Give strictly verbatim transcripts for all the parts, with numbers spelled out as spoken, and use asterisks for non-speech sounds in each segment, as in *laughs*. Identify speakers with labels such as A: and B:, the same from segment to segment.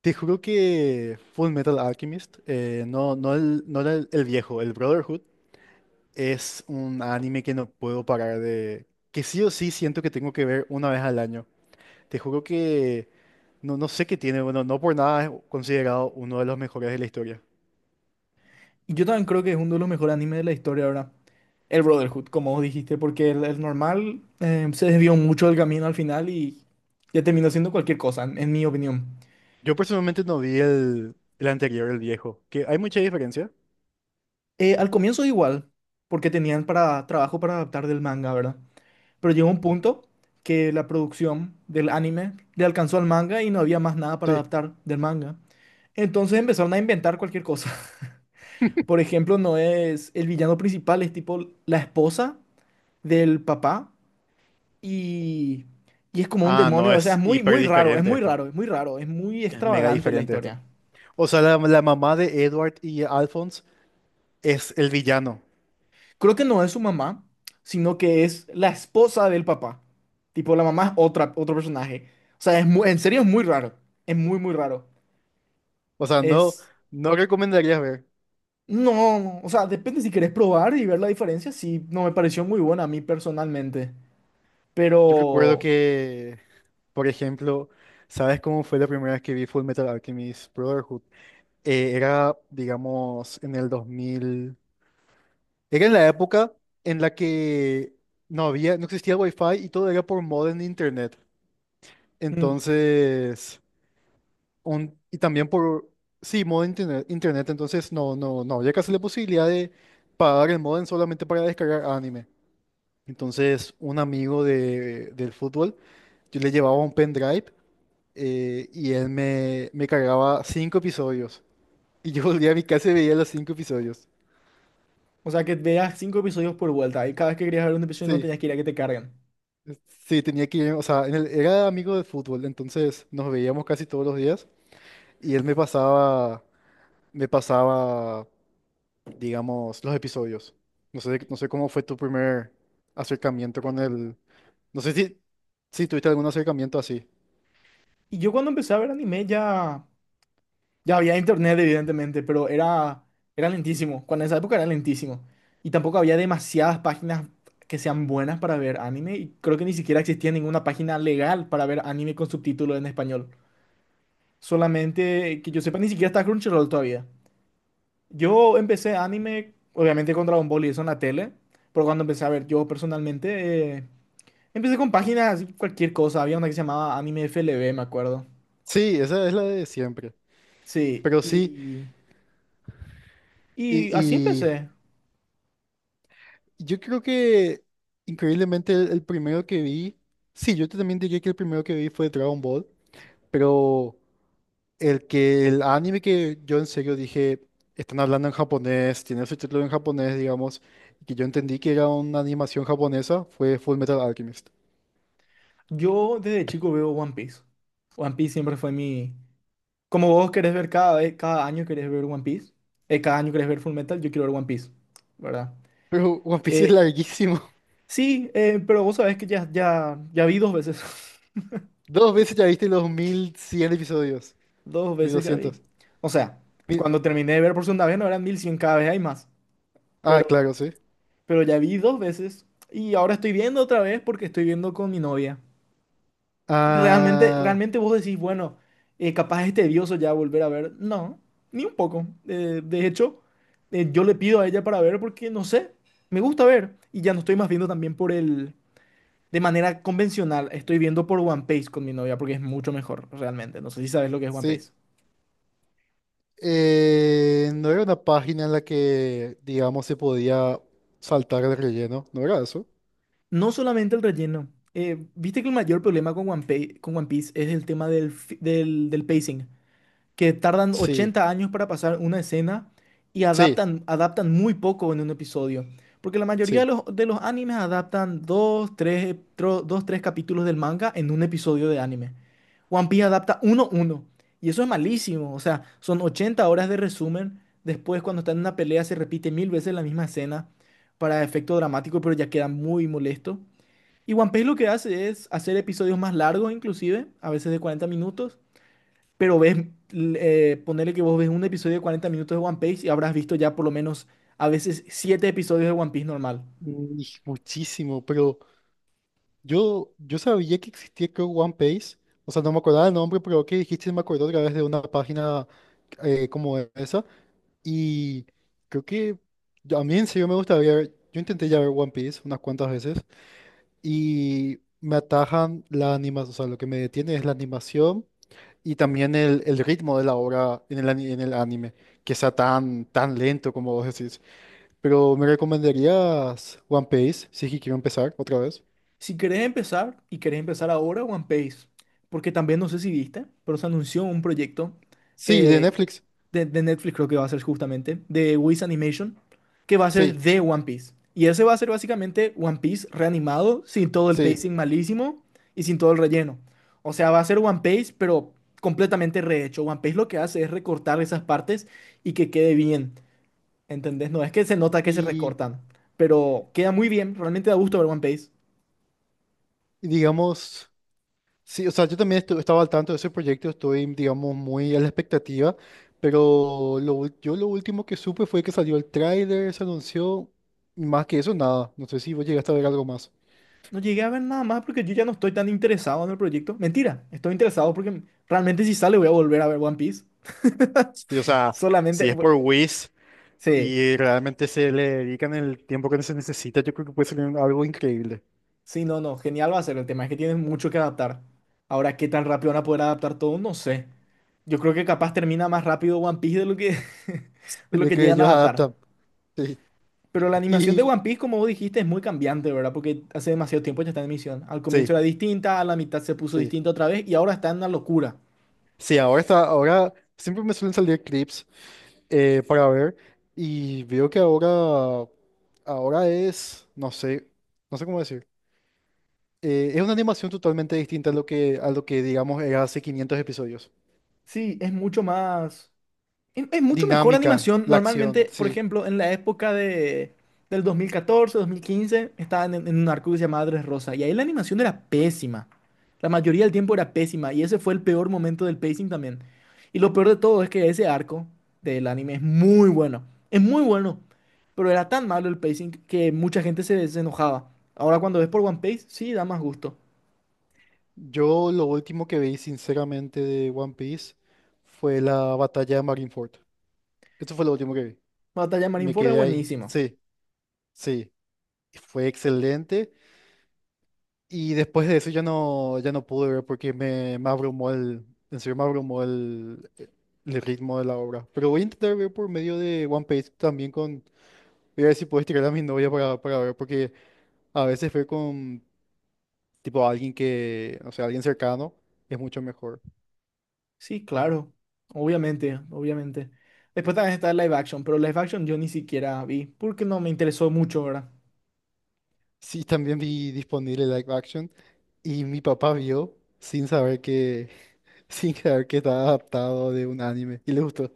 A: Te juro que Full Metal Alchemist, eh, no, no, el, no era el, el viejo, el Brotherhood, es un anime que no puedo parar de... que sí o sí siento que tengo que ver una vez al año. Te juro que no, no sé qué tiene, bueno, no por nada es considerado uno de los mejores de la historia.
B: Yo también creo que es uno de los mejores animes de la historia ahora. El Brotherhood, como vos dijiste, porque el, el normal eh, se desvió mucho del camino al final y ya terminó siendo cualquier cosa, en, en mi opinión.
A: Yo personalmente no vi el, el anterior, el viejo, que hay mucha diferencia.
B: Eh, al comienzo igual, porque tenían para, trabajo para adaptar del manga, ¿verdad? Pero llegó un punto que la producción del anime le alcanzó al manga y no había más nada para
A: Sí.
B: adaptar del manga. Entonces empezaron a inventar cualquier cosa. *laughs* Por ejemplo, no es el villano principal, es tipo la esposa del papá y, y es como un
A: Ah, no,
B: demonio, o sea,
A: es
B: es muy,
A: hiper
B: muy raro, es
A: diferente
B: muy
A: esto.
B: raro, es muy raro, es muy
A: Es mega
B: extravagante la
A: diferente esto.
B: historia.
A: O sea, la, la mamá de Edward y Alphonse es el villano.
B: Creo que no es su mamá, sino que es la esposa del papá. Tipo, la mamá es otra, otro personaje. O sea, es mu- en serio es muy raro, es muy, muy raro.
A: O sea, no,
B: Es...
A: no recomendarías ver.
B: No, o sea, depende si querés probar y ver la diferencia, sí, no me pareció muy buena a mí personalmente,
A: Yo recuerdo
B: pero...
A: que, por ejemplo, ¿sabes cómo fue la primera vez que vi Full Metal Alchemist Brotherhood? Eh, era, digamos, en el dos mil. Era en la época en la que no había, no existía Wi-Fi y todo era por modem de internet.
B: mm,
A: Entonces, un, y también por, sí, modem internet, internet. Entonces, no, no, no había casi la posibilidad de pagar el modem solamente para descargar anime. Entonces, un amigo de, del fútbol, yo le llevaba un pendrive, eh, y él me, me cargaba cinco episodios. Y yo *laughs* volvía a mi casa y veía los cinco episodios.
B: O sea, que veas cinco episodios por vuelta y cada vez que querías ver un episodio no
A: Sí,
B: tenías que ir a que te carguen.
A: es- sí, tenía que ir, o sea, en el- era amigo de fútbol, entonces nos veíamos casi todos los días y él me pasaba, me pasaba, digamos, los episodios. No sé, no sé cómo fue tu primer acercamiento con el... No sé si, si tuviste algún acercamiento así.
B: Y yo cuando empecé a ver anime ya... Ya había internet, evidentemente, pero era, era lentísimo. Cuando en esa época era lentísimo. Y tampoco había demasiadas páginas que sean buenas para ver anime. Y creo que ni siquiera existía ninguna página legal para ver anime con subtítulos en español. Solamente que yo sepa, ni siquiera está Crunchyroll todavía. Yo empecé anime, obviamente, con Dragon Ball y eso en la tele. Pero cuando empecé a ver yo personalmente, eh, empecé con páginas, cualquier cosa. Había una que se llamaba Anime F L V, me acuerdo.
A: Sí, esa es la de siempre.
B: Sí,
A: Pero sí,
B: y, y así
A: y,
B: empecé.
A: Yo creo que increíblemente el, el primero que vi, sí, yo también diría que el primero que vi fue Dragon Ball, pero el que el anime que yo en serio dije, están hablando en japonés, tiene su título en japonés, digamos, y que yo entendí que era una animación japonesa, fue Full Metal Alchemist. *laughs*
B: Yo desde chico veo One Piece. One Piece siempre fue mi... Como vos querés ver cada vez, cada año querés ver One Piece, eh, cada año querés ver Full Metal, yo quiero ver One Piece, ¿verdad?
A: Pero One Piece es
B: Eh,
A: larguísimo.
B: sí, eh, pero vos sabés que ya, ya, ya vi dos veces.
A: *laughs* Dos veces ya viste los mil cien episodios,
B: *laughs* Dos veces ya vi.
A: mil doscientos.
B: O sea,
A: Mil-
B: cuando terminé de ver por segunda vez no eran mil cien, cada vez hay más.
A: Ah,
B: Pero,
A: claro, sí.
B: pero ya vi dos veces y ahora estoy viendo otra vez porque estoy viendo con mi novia. Y Realmente,
A: Ah,
B: realmente vos decís, bueno, eh, capaz es tedioso ya volver a ver. No, ni un poco. Eh, de hecho, eh, yo le pido a ella para ver porque, no sé, me gusta ver. Y ya no estoy más viendo también por el... De manera convencional, estoy viendo por One Piece con mi novia porque es mucho mejor, realmente. No sé si sabes lo que es One
A: sí.
B: Piece.
A: Eh, no era una página en la que, digamos, se podía saltar el relleno, ¿no era eso?
B: No solamente el relleno. Eh, viste que el mayor problema con One Piece, con One Piece es el tema del, fi- del, del pacing. Que tardan
A: Sí,
B: ochenta años para pasar una escena y
A: sí,
B: adaptan, adaptan muy poco en un episodio. Porque la mayoría de
A: sí.
B: los, de los animes adaptan dos, tres, ep- tro- dos, tres capítulos del manga en un episodio de anime. One Piece adapta uno, uno. Y eso es malísimo. O sea, son ochenta horas de resumen. Después, cuando están en una pelea, se repite mil veces la misma escena para efecto dramático, pero ya queda muy molesto. Y One Piece lo que hace es hacer episodios más largos, inclusive, a veces de cuarenta minutos, pero ves, l- eh, ponele que vos ves un episodio de cuarenta minutos de One Piece y habrás visto ya por lo menos a veces siete episodios de One Piece normal.
A: Mm, y Muchísimo, pero yo, yo sabía que existía, creo, One Piece. O sea, no me acordaba el nombre, pero que dijiste, me acordó otra vez de una página eh, como esa. Y creo que yo- a mí en serio me gusta ver. Yo intenté ya ver One Piece unas cuantas veces y me atajan la animación. O sea, lo que me detiene es la animación y también el, el ritmo de la obra en el, ani- en el anime, que sea tan, tan lento como vos decís. Pero ¿me recomendarías One Piece? Sí, que quiero empezar otra vez.
B: Si querés empezar, y querés empezar ahora, One Piece, porque también no sé si viste, pero se anunció un proyecto
A: Sí, de
B: eh,
A: Netflix.
B: de, de, Netflix, creo que va a ser justamente de Wiz Animation, que va a ser
A: Sí,
B: de One Piece. Y ese va a ser básicamente One Piece reanimado, sin todo el
A: sí.
B: pacing malísimo y sin todo el relleno. O sea, va a ser One Piece, pero completamente rehecho. One Piece lo que hace es recortar esas partes y que quede bien. ¿Entendés? No es que se nota que se
A: Y,
B: recortan, pero queda muy bien, realmente da gusto ver One Piece.
A: y digamos, sí, o sea, yo también estu- estaba al tanto de ese proyecto, estoy, digamos, muy a la expectativa, pero lo, ul- yo lo último que supe fue que salió el tráiler, se anunció, y más que eso, nada. No sé si vos llegaste a ver algo más.
B: No llegué a ver nada más porque yo ya no estoy tan interesado en el proyecto. Mentira, estoy interesado porque realmente si sale voy a volver a ver One Piece.
A: Sí, o
B: *laughs*
A: sea,
B: Solamente,
A: si es
B: bu-
A: por Wish
B: sí,
A: y realmente se le dedican el tiempo que se necesita, yo creo que puede ser un- algo increíble
B: sí, no, no, genial va a ser. El tema es que tienes mucho que adaptar. Ahora, ¿qué tan rápido van a poder adaptar todo? No sé. Yo creo que capaz termina más rápido One Piece de lo que, *laughs* de lo
A: de
B: que
A: que
B: llegan a
A: ellos
B: adaptar.
A: adaptan. Sí.
B: Pero la animación de
A: Y
B: One Piece, como vos dijiste, es muy cambiante, ¿verdad? Porque hace demasiado tiempo ya está en emisión. Al comienzo
A: sí,
B: era distinta, a la mitad se puso
A: sí.
B: distinta otra vez y ahora está en una locura.
A: Sí, ahora está, ahora siempre me suelen salir clips eh, para ver y veo que ahora, ahora es, no sé, no sé cómo decir. Eh, es una animación totalmente distinta a lo que, a lo que digamos era hace quinientos episodios.
B: Sí, es mucho más. Es, es mucho mejor
A: Dinámica,
B: animación.
A: la acción,
B: Normalmente, por
A: sí.
B: ejemplo, en la época de, del dos dos mil catorce, dos mil quince estaban en, en un arco que se llamaba Rosa. Y ahí la animación era pésima. La mayoría del tiempo era pésima. Y ese fue el peor momento del pacing también. Y lo peor de todo es que ese arco del anime es muy bueno. Es muy bueno. Pero era tan malo el pacing que mucha gente se, se enojaba. Ahora cuando ves por One Piece, sí, da más gusto.
A: Yo lo último que vi, sinceramente, de One Piece fue la batalla de Marineford. Eso fue lo último que vi.
B: Batalla de
A: Me
B: Marineford es
A: quedé ahí.
B: buenísimo.
A: Sí, sí. Fue excelente. Y después de eso ya no, ya no pude ver porque me, me abrumó el, en serio me abrumó el, el ritmo de la obra. Pero voy a intentar ver por medio de One Piece también con... Voy a ver si puedo estirar a mi novia para, para ver porque a veces ver con tipo alguien que, o sea, alguien cercano es mucho mejor.
B: Sí, claro. Obviamente, obviamente. Después también está el live action, pero live action yo ni siquiera vi porque no me interesó mucho, ¿verdad?
A: Sí, también vi disponible live action. Y mi papá vio sin saber que, *laughs* sin saber que estaba adaptado de un anime y le gustó.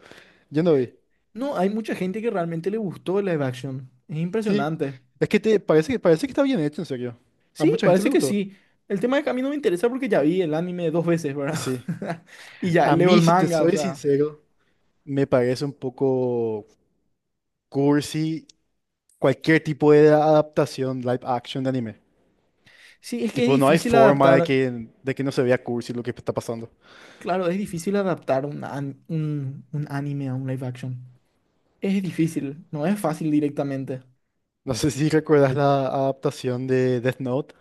A: Yo no vi.
B: No, hay mucha gente que realmente le gustó el live action. Es
A: Sí,
B: impresionante.
A: es que te parece que parece que está bien hecho, en serio. A
B: Sí,
A: mucha gente
B: parece
A: le
B: que
A: gustó.
B: sí. El tema de que a mí no me interesa porque ya vi el anime dos veces,
A: Y
B: ¿verdad?
A: sí.
B: *laughs* Y ya
A: A
B: leo
A: mí,
B: el
A: si te
B: manga, o
A: soy
B: sea.
A: sincero, me parece un poco cursi cualquier tipo de adaptación live action de anime.
B: Sí, es que es
A: Tipo, no hay
B: difícil
A: forma de
B: adaptar.
A: que, de que no se vea cursi lo que está pasando.
B: Claro, es difícil adaptar un, an- un, un anime a un live action. Es difícil, no es fácil directamente.
A: No sé si recuerdas la adaptación de Death Note.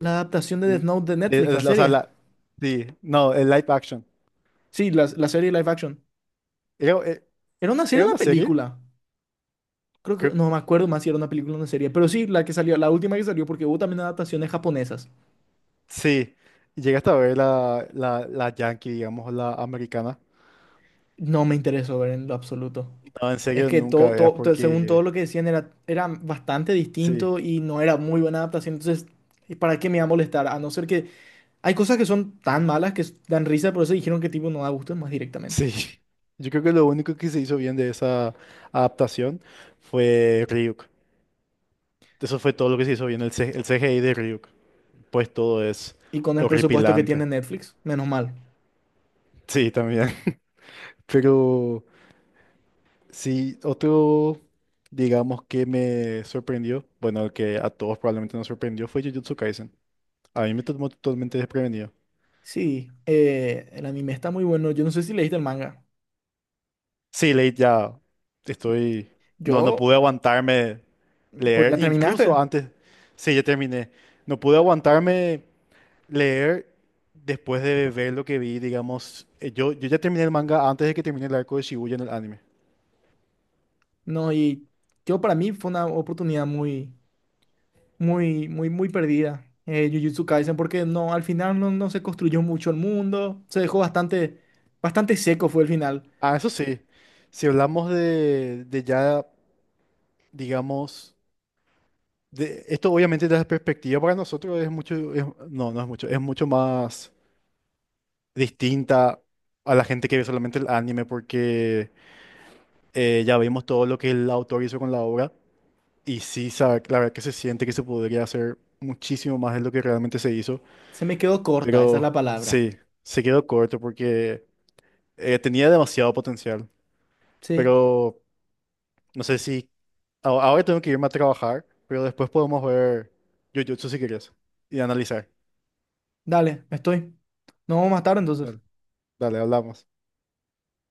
B: La adaptación de
A: Mm,
B: Death Note de
A: eh,
B: Netflix, la
A: eh, o sea,
B: serie.
A: la, sí, no, el live action.
B: Sí, la, la serie live action.
A: Era, e-
B: Era una serie,
A: era
B: o una
A: una serie,
B: película. Creo que
A: creo,
B: no me acuerdo más si era una película o una serie, pero sí, la que salió, la última que salió, porque hubo también adaptaciones japonesas.
A: sí. Llegaste a ver la, la, la yankee, digamos, la americana.
B: No me interesó ver en lo absoluto.
A: No, en
B: Es
A: serio,
B: que
A: nunca
B: todo,
A: veas
B: todo, to- según todo
A: porque...
B: lo que decían, era, era bastante
A: Sí,
B: distinto y no era muy buena adaptación. Entonces, y ¿para qué me iba a molestar? A no ser que hay cosas que son tan malas que s- dan risa, por eso dijeron que tipo no da gusto más directamente.
A: sí. *laughs* Yo creo que lo único que se hizo bien de esa adaptación fue Ryuk. Eso fue todo lo que se hizo bien, el, C- el C G I de Ryuk. Pues todo es
B: Y con el presupuesto que tiene
A: horripilante.
B: Netflix, menos mal.
A: Sí, también. *laughs* Pero sí, otro, digamos, que me sorprendió, bueno, el que a todos probablemente nos sorprendió fue Jujutsu Kaisen. A mí me tomó totalmente desprevenido.
B: Sí, eh, el anime está muy bueno. Yo no sé si leíste el manga.
A: Sí, leí ya. Estoy. No, no
B: Yo.
A: pude aguantarme
B: Porque ya
A: leer. Incluso
B: terminaste,
A: antes. Sí, ya terminé. No pude aguantarme leer después de ver lo que vi, digamos. eh, Yo, yo ya terminé el manga antes de que termine el arco de Shibuya en el anime.
B: ¿no? Y yo para mí fue una oportunidad muy, muy, muy, muy perdida, eh, Jujutsu Kaisen, porque no, al final no, no se construyó mucho el mundo, se dejó bastante, bastante seco fue el final.
A: Ah, eso sí. Si hablamos de, de ya, digamos. De, esto obviamente desde la perspectiva para nosotros es mucho. Es- no, no es mucho. Es mucho más. Distinta a la gente que ve solamente el anime, porque eh, ya vimos todo lo que el autor hizo con la obra, y sí, sa- la verdad que se siente que se podría hacer muchísimo más de lo que realmente se hizo,
B: Se me quedó corta, esa es la
A: pero
B: palabra.
A: sí, se quedó corto porque eh, tenía demasiado potencial,
B: Sí,
A: pero no sé si a- ahora tengo que irme a trabajar, pero después podemos ver Jujutsu si quieres y analizar.
B: dale, estoy. Nos vemos más tarde entonces.
A: Dale, dale, hablamos.